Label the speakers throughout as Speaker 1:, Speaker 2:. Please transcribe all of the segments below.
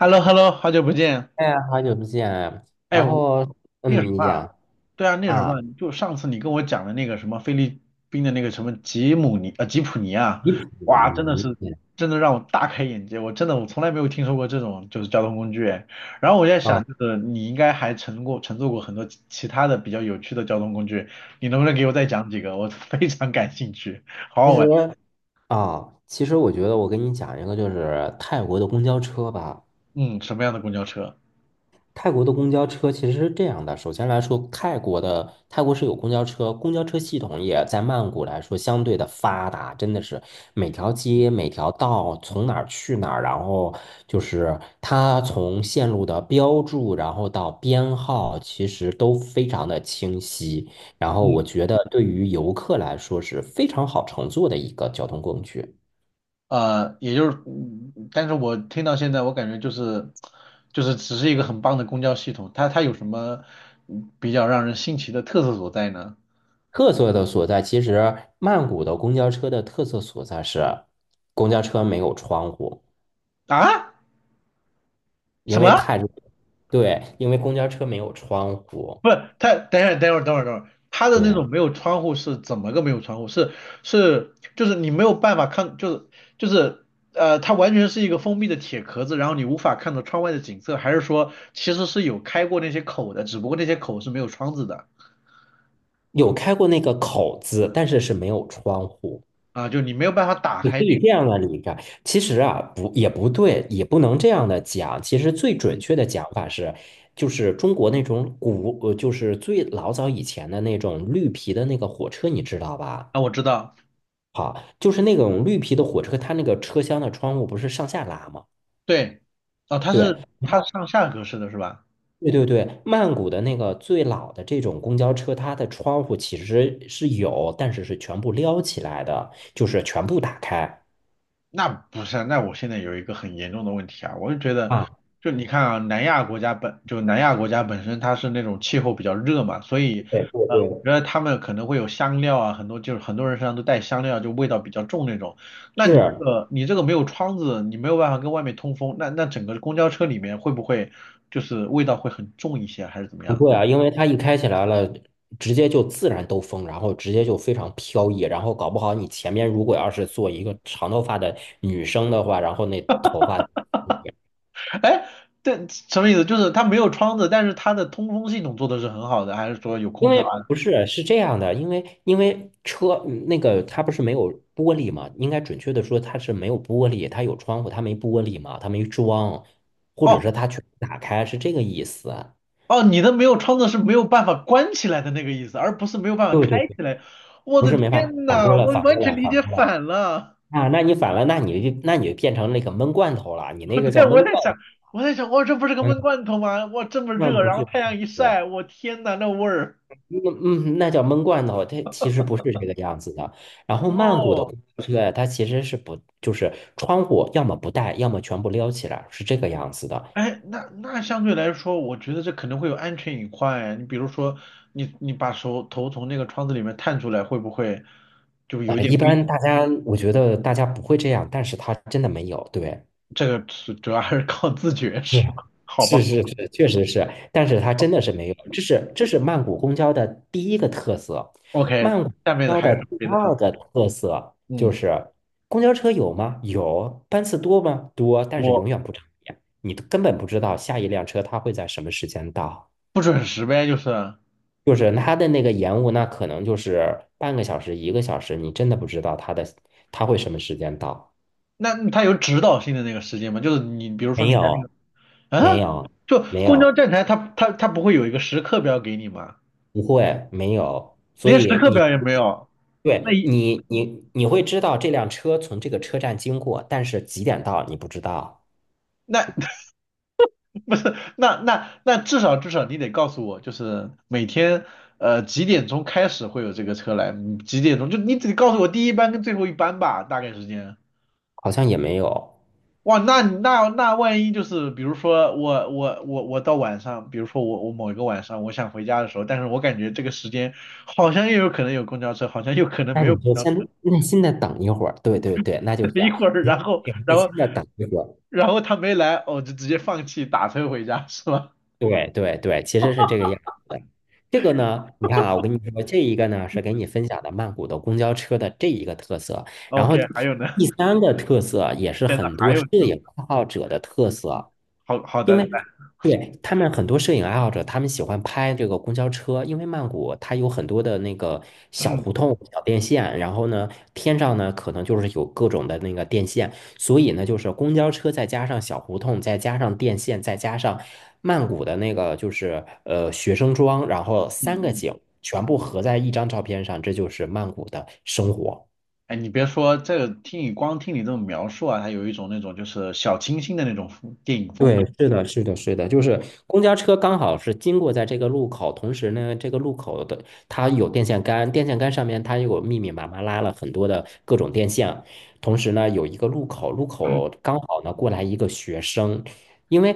Speaker 1: h e l l o h e l l o 好久不见。
Speaker 2: 哎，好久不见啊。
Speaker 1: 哎，
Speaker 2: 然
Speaker 1: 我
Speaker 2: 后，
Speaker 1: 那个什
Speaker 2: 你
Speaker 1: 么啊。
Speaker 2: 讲
Speaker 1: 对啊，那个什么，
Speaker 2: 啊，
Speaker 1: 就上次你跟我讲的那个什么菲律宾的那个什么吉普尼啊。
Speaker 2: 你普
Speaker 1: 哇，
Speaker 2: 尼
Speaker 1: 真的让我大开眼界。我真的我从来没有听说过这种就是交通工具哎。然后我在
Speaker 2: 啊，
Speaker 1: 想，
Speaker 2: 哦，
Speaker 1: 就是你应该还乘坐过很多其他的比较有趣的交通工具，你能不能给我再讲几个？我 非常感兴趣，好好
Speaker 2: 其
Speaker 1: 玩。
Speaker 2: 实其实我觉得我跟你讲一个，就是泰国的公交车吧。
Speaker 1: 嗯，什么样的公交车？
Speaker 2: 泰国的公交车其实是这样的，首先来说，泰国是有公交车，公交车系统也在曼谷来说相对的发达，真的是每条街每条道从哪儿去哪儿，然后就是它从线路的标注，然后到编号，其实都非常的清晰。然后我
Speaker 1: 嗯。
Speaker 2: 觉得对于游客来说是非常好乘坐的一个交通工具。
Speaker 1: 也就是，但是我听到现在，我感觉就是，只是一个很棒的公交系统。它有什么比较让人新奇的特色所在呢？
Speaker 2: 特色的所在，其实曼谷的公交车的特色所在是，公交车没有窗户，
Speaker 1: 啊？
Speaker 2: 因
Speaker 1: 什
Speaker 2: 为
Speaker 1: 么？
Speaker 2: 太热。对，因为公交车没有窗户。
Speaker 1: 不是，它等一下，等会儿，等会儿，等会儿，它的那种
Speaker 2: 对，
Speaker 1: 没有窗户是怎么个没有窗户？是是，就是你没有办法看，就是，它完全是一个封闭的铁壳子，然后你无法看到窗外的景色。还是说其实是有开过那些口的，只不过那些口是没有窗子的。
Speaker 2: 有开过那个口子，但是是没有窗户。
Speaker 1: 啊？就你没有办法打
Speaker 2: 你
Speaker 1: 开
Speaker 2: 可以
Speaker 1: 那个。
Speaker 2: 这样的理解，其实啊，不也不对，也不能这样的讲。其实最准确的讲法是，就是中国那种古，就是最老早以前的那种绿皮的那个火车，你知道吧？
Speaker 1: 啊，我知道。
Speaker 2: 好，就是那种绿皮的火车，它那个车厢的窗户不是上下拉吗？
Speaker 1: 对。哦，
Speaker 2: 对，
Speaker 1: 它是上下格式的是吧？
Speaker 2: 对对对，曼谷的那个最老的这种公交车，它的窗户其实是有，但是是全部撩起来的，就是全部打开。
Speaker 1: 那不是啊，那我现在有一个很严重的问题啊。我就觉得，
Speaker 2: 啊，
Speaker 1: 就你看啊，南亚国家本身它是那种气候比较热嘛。所以
Speaker 2: 对对
Speaker 1: 我
Speaker 2: 对，
Speaker 1: 觉得他们可能会有香料啊，很多就是很多人身上都带香料，就味道比较重那种。那
Speaker 2: 是。
Speaker 1: 你这个没有窗子，你没有办法跟外面通风，那整个公交车里面会不会就是味道会很重一些，还是怎么
Speaker 2: 不
Speaker 1: 样？
Speaker 2: 会啊，因为它一开起来了，直接就自然兜风，然后直接就非常飘逸，然后搞不好你前面如果要是坐一个长头发的女生的话，然后那头发。
Speaker 1: 哎，但什么意思？就是它没有窗子，但是它的通风系统做的是很好的，还是说有空
Speaker 2: 因
Speaker 1: 调
Speaker 2: 为
Speaker 1: 啊？
Speaker 2: 不是是这样的，因为车那个它不是没有玻璃嘛，应该准确的说它是没有玻璃，它有窗户，它没玻璃嘛，它没装，或者
Speaker 1: 哦
Speaker 2: 是它全部打开，是这个意思。
Speaker 1: 哦，你的没有窗子是没有办法关起来的那个意思，而不是没有办法
Speaker 2: 对对
Speaker 1: 开
Speaker 2: 对，
Speaker 1: 起来。我
Speaker 2: 不
Speaker 1: 的
Speaker 2: 是没法
Speaker 1: 天
Speaker 2: 反
Speaker 1: 呐，
Speaker 2: 过来，
Speaker 1: 我
Speaker 2: 反
Speaker 1: 完
Speaker 2: 过
Speaker 1: 全
Speaker 2: 来，
Speaker 1: 理
Speaker 2: 反
Speaker 1: 解
Speaker 2: 过来。
Speaker 1: 反了。
Speaker 2: 啊！那你反了，那你就变成那个闷罐头了，你 那个叫
Speaker 1: 对，
Speaker 2: 闷罐头。
Speaker 1: 我在想，哇，这不是个
Speaker 2: 嗯，
Speaker 1: 闷罐头吗？哇，这么
Speaker 2: 那
Speaker 1: 热，
Speaker 2: 不
Speaker 1: 然后
Speaker 2: 是不
Speaker 1: 太阳一
Speaker 2: 是。
Speaker 1: 晒，我天呐，那味儿。
Speaker 2: 嗯，那叫闷罐头，它其实不是这个样子的。然后曼谷的公
Speaker 1: 哦。
Speaker 2: 交车，它其实是不，就是窗户要么不带，要么全部撩起来，是这个样子的。
Speaker 1: 哎，那相对来说，我觉得这可能会有安全隐患哎。你比如说，你把手头从那个窗子里面探出来，会不会就
Speaker 2: 啊，
Speaker 1: 有一点
Speaker 2: 一
Speaker 1: 危？
Speaker 2: 般大家我觉得大家不会这样，但是它真的没有，对。
Speaker 1: 这个是主要还是靠自觉，
Speaker 2: 是
Speaker 1: 是吧？好
Speaker 2: 是
Speaker 1: 吧
Speaker 2: 是是，确实是，但是它真的是没有，这是曼谷公交的第一个特色。
Speaker 1: ，OK，
Speaker 2: 曼谷
Speaker 1: 下面的
Speaker 2: 公交
Speaker 1: 还有
Speaker 2: 的
Speaker 1: 什么
Speaker 2: 第
Speaker 1: 别的特。
Speaker 2: 二个特色就
Speaker 1: 嗯，
Speaker 2: 是公交车有吗？有，班次多吗？多，但是永
Speaker 1: 我
Speaker 2: 远不长眼，你根本不知道下一辆车它会在什么时间到。
Speaker 1: 不准时呗，就是。
Speaker 2: 就是它的那个延误，那可能就是半个小时、一个小时，你真的不知道它会什么时间到。
Speaker 1: 那他有指导性的那个时间吗？就是你比如说
Speaker 2: 没
Speaker 1: 你在
Speaker 2: 有，
Speaker 1: 那个
Speaker 2: 没
Speaker 1: 啊，
Speaker 2: 有，
Speaker 1: 就
Speaker 2: 没
Speaker 1: 公交
Speaker 2: 有，
Speaker 1: 站台它不会有一个时刻表给你吗？
Speaker 2: 不会，没有。所
Speaker 1: 连时
Speaker 2: 以
Speaker 1: 刻
Speaker 2: 你
Speaker 1: 表也没有。那
Speaker 2: 对
Speaker 1: 一
Speaker 2: 你，你会知道这辆车从这个车站经过，但是几点到你不知道，
Speaker 1: 那 不是，那至少至少你得告诉我，就是每天几点钟开始会有这个车来，几点钟就你只告诉我第一班跟最后一班吧，大概时间。
Speaker 2: 好像也没有。
Speaker 1: 哇，那你那万一就是比如说我到晚上，比如说我某一个晚上我想回家的时候，但是我感觉这个时间好像又有可能有公交车，好像又可能
Speaker 2: 那
Speaker 1: 没
Speaker 2: 你
Speaker 1: 有公
Speaker 2: 就
Speaker 1: 交
Speaker 2: 先
Speaker 1: 车，
Speaker 2: 耐心的等一会儿，对对对，那就是 这
Speaker 1: 一
Speaker 2: 样，
Speaker 1: 会儿
Speaker 2: 你得耐心的等一会儿。
Speaker 1: 然后他没来，哦就直接放弃打车回家是吧
Speaker 2: 对对对，其实是这个样子的。这个呢，你看啊，我跟你说，这一个呢是给你分享的曼谷的公交车的这一个特色，然
Speaker 1: ？OK，
Speaker 2: 后
Speaker 1: 还有呢？
Speaker 2: 第三个特色也是
Speaker 1: 天呐，
Speaker 2: 很
Speaker 1: 还
Speaker 2: 多摄
Speaker 1: 有这
Speaker 2: 影爱好者的特色。
Speaker 1: 好好
Speaker 2: 因
Speaker 1: 的，
Speaker 2: 为
Speaker 1: 来
Speaker 2: 对他们很多摄影爱好者，他们喜欢拍这个公交车，因为曼谷它有很多的那个小胡 同、小电线，然后呢，天上呢可能就是有各种的那个电线，所以呢，就是公交车再加上小胡同，再加上电线，再加上曼谷的那个就是学生装，然后
Speaker 1: 嗯
Speaker 2: 三个
Speaker 1: 嗯，
Speaker 2: 景全部合在一张照片上，这就是曼谷的生活。
Speaker 1: 哎，你别说这个，光听你这种描述啊，它有一种那种就是小清新的那种电影风
Speaker 2: 对，
Speaker 1: 格。
Speaker 2: 是的，是的，是的，就是公交车刚好是经过在这个路口，同时呢，这个路口的它有电线杆，电线杆上面它有密密麻麻拉了很多的各种电线，同时呢，有一个路口，路口刚好呢过来一个学生，因为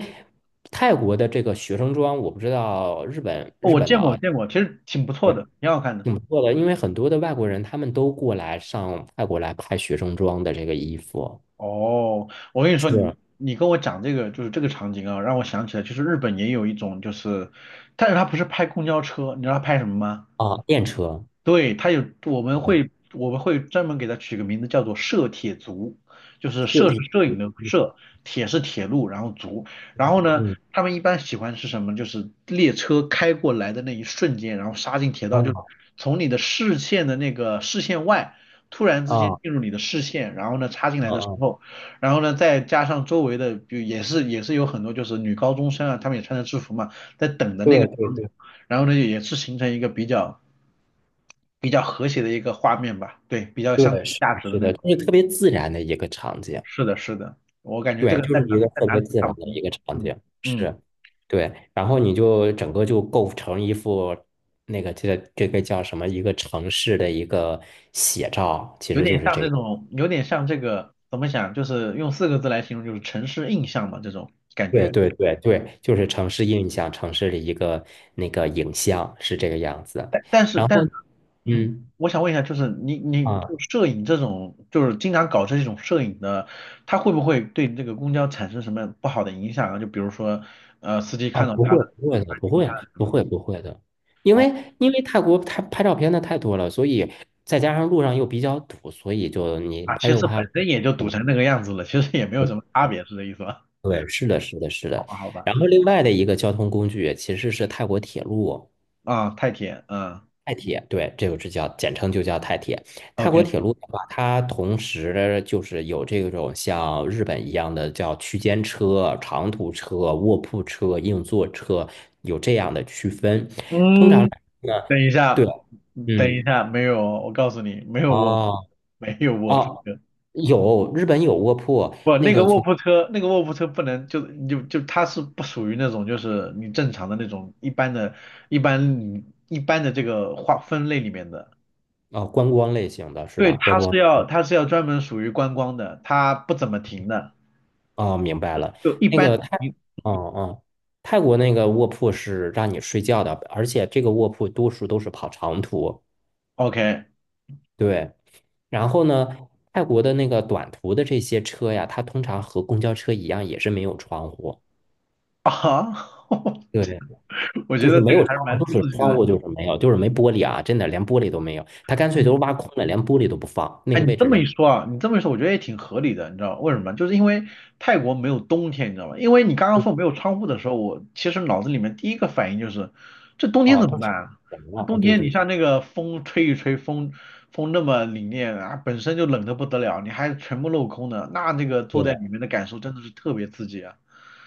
Speaker 2: 泰国的这个学生装，我不知道日本
Speaker 1: 哦，
Speaker 2: 日
Speaker 1: 我
Speaker 2: 本的
Speaker 1: 见
Speaker 2: 啊，
Speaker 1: 过，见过，其实挺不错
Speaker 2: 对，
Speaker 1: 的，挺好看的。
Speaker 2: 挺不错的，因为很多的外国人他们都过来上泰国来拍学生装的这个衣服，
Speaker 1: 哦，我跟你说，
Speaker 2: 是
Speaker 1: 你跟我讲这个就是这个场景啊，让我想起来，就是日本也有一种就是，但是他不是拍公交车，你知道他拍什么吗？
Speaker 2: 啊，电车，
Speaker 1: 对，它有，
Speaker 2: 对，
Speaker 1: 我们会专门给它取个名字，叫做摄铁族。就是
Speaker 2: 坐
Speaker 1: 摄是
Speaker 2: 地铁，
Speaker 1: 摄影的摄，铁是铁路，然后族。然后呢，
Speaker 2: 嗯。
Speaker 1: 他们一般喜欢是什么？就是列车开过来的那一瞬间，然后杀进铁道，就是从你的视线的那个视线外，突然之间
Speaker 2: 啊
Speaker 1: 进入你的视线。然后呢插进
Speaker 2: 啊
Speaker 1: 来的时
Speaker 2: 啊！
Speaker 1: 候，然后呢再加上周围的，就也是有很多就是女高中生啊，她们也穿着制服嘛，在等的
Speaker 2: 对
Speaker 1: 那个
Speaker 2: 对对
Speaker 1: 场景，
Speaker 2: 对，
Speaker 1: 然后呢也是形成一个比较。比较和谐的一个画面吧。对，比较
Speaker 2: 是
Speaker 1: 相
Speaker 2: 的，
Speaker 1: 价值的
Speaker 2: 是
Speaker 1: 那
Speaker 2: 的，
Speaker 1: 种。
Speaker 2: 就是特别自然的一个场景，
Speaker 1: 是的，是的，我感觉这
Speaker 2: 对，
Speaker 1: 个
Speaker 2: 就是一个
Speaker 1: 在
Speaker 2: 特
Speaker 1: 哪
Speaker 2: 别
Speaker 1: 里都
Speaker 2: 自
Speaker 1: 差
Speaker 2: 然
Speaker 1: 不
Speaker 2: 的
Speaker 1: 多。
Speaker 2: 一个场
Speaker 1: 嗯
Speaker 2: 景，是，
Speaker 1: 嗯，
Speaker 2: 对，然后你就整个就构成一幅那个这个叫什么一个城市的一个写照，其
Speaker 1: 有
Speaker 2: 实就
Speaker 1: 点
Speaker 2: 是
Speaker 1: 像
Speaker 2: 这
Speaker 1: 这
Speaker 2: 个，
Speaker 1: 种，有点像这个怎么讲，就是用四个字来形容，就是城市印象嘛，这种感
Speaker 2: 对
Speaker 1: 觉。
Speaker 2: 对对对，就是城市印象，城市的一个那个影像是这个样子，然
Speaker 1: 但是，
Speaker 2: 后
Speaker 1: 嗯，
Speaker 2: 嗯。
Speaker 1: 我想问一下，就是你就
Speaker 2: 啊。
Speaker 1: 摄影这种，就是经常搞这种摄影的，它会不会对这个公交产生什么不好的影响啊？就比如说，司机
Speaker 2: 啊，
Speaker 1: 看到
Speaker 2: 不
Speaker 1: 他了，
Speaker 2: 会，不
Speaker 1: 就
Speaker 2: 会的，
Speaker 1: 穿
Speaker 2: 不
Speaker 1: 其他
Speaker 2: 会，
Speaker 1: 的什
Speaker 2: 不
Speaker 1: 么的。
Speaker 2: 会，不会的，因
Speaker 1: 哦
Speaker 2: 为因为泰国它拍照片的太多了，所以再加上路上又比较堵，所以就你
Speaker 1: 啊，
Speaker 2: 拍
Speaker 1: 其
Speaker 2: 就
Speaker 1: 实
Speaker 2: 拍了。
Speaker 1: 本身也就堵成那个样子了，其实也没有什么差别，是这意思吧？
Speaker 2: 对，是的，是的，是
Speaker 1: 好
Speaker 2: 的。
Speaker 1: 吧，好吧。
Speaker 2: 然后另外的一个交通工具其实是泰国铁路。
Speaker 1: 啊、太甜，
Speaker 2: 泰铁，对，这个就叫简称就叫泰铁。泰国
Speaker 1: OK，
Speaker 2: 铁路的话，它同时就是有这种像日本一样的叫区间车、长途车、卧铺车、硬座车，有这样的区分。通常
Speaker 1: 嗯，
Speaker 2: 呢，
Speaker 1: 等一
Speaker 2: 对，
Speaker 1: 下，等一
Speaker 2: 嗯，
Speaker 1: 下，没有，我告诉你，
Speaker 2: 哦
Speaker 1: 没有卧铺
Speaker 2: 哦，
Speaker 1: 车。
Speaker 2: 有日本有卧铺，
Speaker 1: 不，
Speaker 2: 那
Speaker 1: 那个
Speaker 2: 个
Speaker 1: 卧
Speaker 2: 从
Speaker 1: 铺车，那个卧铺车不能就它是不属于那种就是你正常的那种一般一般的这个划分类里面的。
Speaker 2: 观光类型的是吧？
Speaker 1: 对，
Speaker 2: 观光。
Speaker 1: 它是要专门属于观光的，它不怎么停的，
Speaker 2: 哦，明白了。
Speaker 1: 就一
Speaker 2: 那
Speaker 1: 般
Speaker 2: 个泰，
Speaker 1: 停
Speaker 2: 哦哦，泰国那个卧铺是让你睡觉的，而且这个卧铺多数都是跑长途。
Speaker 1: ，OK，
Speaker 2: 对，然后呢，泰国的那个短途的这些车呀，它通常和公交车一样，也是没有窗户。
Speaker 1: 啊，
Speaker 2: 对，
Speaker 1: 我觉
Speaker 2: 就是
Speaker 1: 得
Speaker 2: 没
Speaker 1: 这个
Speaker 2: 有
Speaker 1: 还是
Speaker 2: 窗
Speaker 1: 蛮
Speaker 2: 户，就是
Speaker 1: 刺激
Speaker 2: 窗
Speaker 1: 的。
Speaker 2: 户就是没有，就是没玻璃啊，真的连玻璃都没有，它干脆都
Speaker 1: 嗯，
Speaker 2: 挖空了，连玻璃都不放，那
Speaker 1: 哎，
Speaker 2: 个
Speaker 1: 你
Speaker 2: 位
Speaker 1: 这
Speaker 2: 置
Speaker 1: 么
Speaker 2: 连
Speaker 1: 一说啊，你这么一说，我觉得也挺合理的。你知道为什么吗？就是因为泰国没有冬天，你知道吗？因为你刚刚说没有窗户的时候，我其实脑子里面第一个反应就是，这冬天
Speaker 2: 哦，
Speaker 1: 怎么
Speaker 2: 都
Speaker 1: 办
Speaker 2: 是
Speaker 1: 啊？
Speaker 2: 人了。
Speaker 1: 这
Speaker 2: 啊，
Speaker 1: 冬
Speaker 2: 对
Speaker 1: 天
Speaker 2: 对
Speaker 1: 你
Speaker 2: 对
Speaker 1: 像那个风吹一吹，风那么凛冽啊，本身就冷得不得了，你还全部镂空的，那个
Speaker 2: 对，
Speaker 1: 坐在里面的感受真的是特别刺激啊。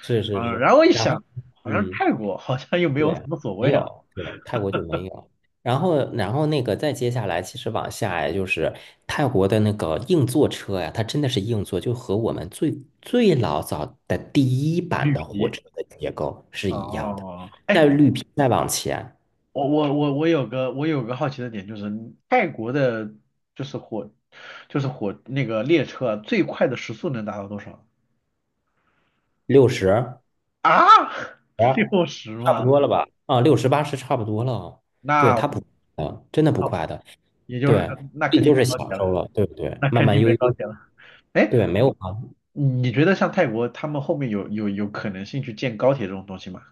Speaker 2: 是是
Speaker 1: 啊，
Speaker 2: 是，
Speaker 1: 然后一
Speaker 2: 然后
Speaker 1: 想，好像是
Speaker 2: 嗯。
Speaker 1: 泰国好像又没
Speaker 2: 对，
Speaker 1: 有什么所
Speaker 2: 没
Speaker 1: 谓啊。
Speaker 2: 有，对，泰国就没有。然后那个再接下来，其实往下呀，就是泰国的那个硬座车呀，它真的是硬座，就和我们最最老早的第一版
Speaker 1: 绿
Speaker 2: 的火
Speaker 1: 皮。
Speaker 2: 车的结构是一样的。
Speaker 1: 哦，
Speaker 2: 在
Speaker 1: 哎，
Speaker 2: 绿皮再往前，
Speaker 1: 我有个好奇的点就是，泰国的就是火就是火那个列车啊最快的时速能达到多少
Speaker 2: 六十，啊，
Speaker 1: 啊？60
Speaker 2: 差不
Speaker 1: 吗？
Speaker 2: 多了吧？啊，60、80差不多了哦。对，
Speaker 1: 那
Speaker 2: 它
Speaker 1: 我
Speaker 2: 不，啊，真的不
Speaker 1: 好，
Speaker 2: 快的。
Speaker 1: 也就是
Speaker 2: 对，
Speaker 1: 那
Speaker 2: 也
Speaker 1: 肯定
Speaker 2: 就
Speaker 1: 没
Speaker 2: 是
Speaker 1: 高
Speaker 2: 享
Speaker 1: 铁了，
Speaker 2: 受了，对不对？
Speaker 1: 那
Speaker 2: 慢
Speaker 1: 肯
Speaker 2: 慢
Speaker 1: 定没
Speaker 2: 悠
Speaker 1: 高
Speaker 2: 悠，
Speaker 1: 铁了。哎，
Speaker 2: 对，没有。
Speaker 1: 你觉得像泰国他们后面有可能性去建高铁这种东西吗？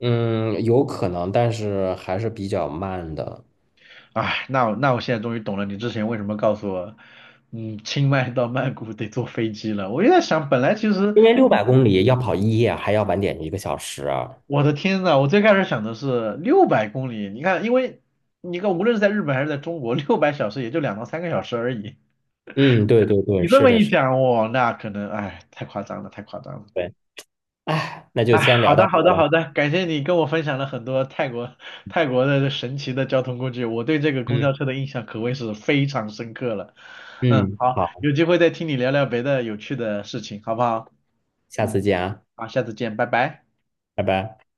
Speaker 2: 嗯，有可能，但是还是比较慢的，
Speaker 1: 哎，那我现在终于懂了，你之前为什么告诉我，嗯，清迈到曼谷得坐飞机了。我就在想，本来其实
Speaker 2: 因为600公里要跑一夜，还要晚点一个小时啊。
Speaker 1: 我的天呐，我最开始想的是600公里，你看，因为你看，无论是在日本还是在中国，600小时也就2到3个小时而已。
Speaker 2: 嗯，对对对，
Speaker 1: 你这
Speaker 2: 是
Speaker 1: 么
Speaker 2: 的，
Speaker 1: 一
Speaker 2: 是的，
Speaker 1: 讲，我那可能，哎，太夸张了，太夸张了。
Speaker 2: 对。哎，那就
Speaker 1: 哎，
Speaker 2: 先
Speaker 1: 好
Speaker 2: 聊到
Speaker 1: 的，
Speaker 2: 这
Speaker 1: 好
Speaker 2: 儿
Speaker 1: 的，
Speaker 2: 吧。
Speaker 1: 好的，感谢你跟我分享了很多泰国的神奇的交通工具。我对这个公
Speaker 2: 嗯
Speaker 1: 交车的印象可谓是非常深刻了。嗯，
Speaker 2: 嗯，
Speaker 1: 好，
Speaker 2: 好，
Speaker 1: 有机会再听你聊聊别的有趣的事情，好不好？
Speaker 2: 下
Speaker 1: 嗯，
Speaker 2: 次见啊，
Speaker 1: 好，下次见，拜拜。
Speaker 2: 拜拜。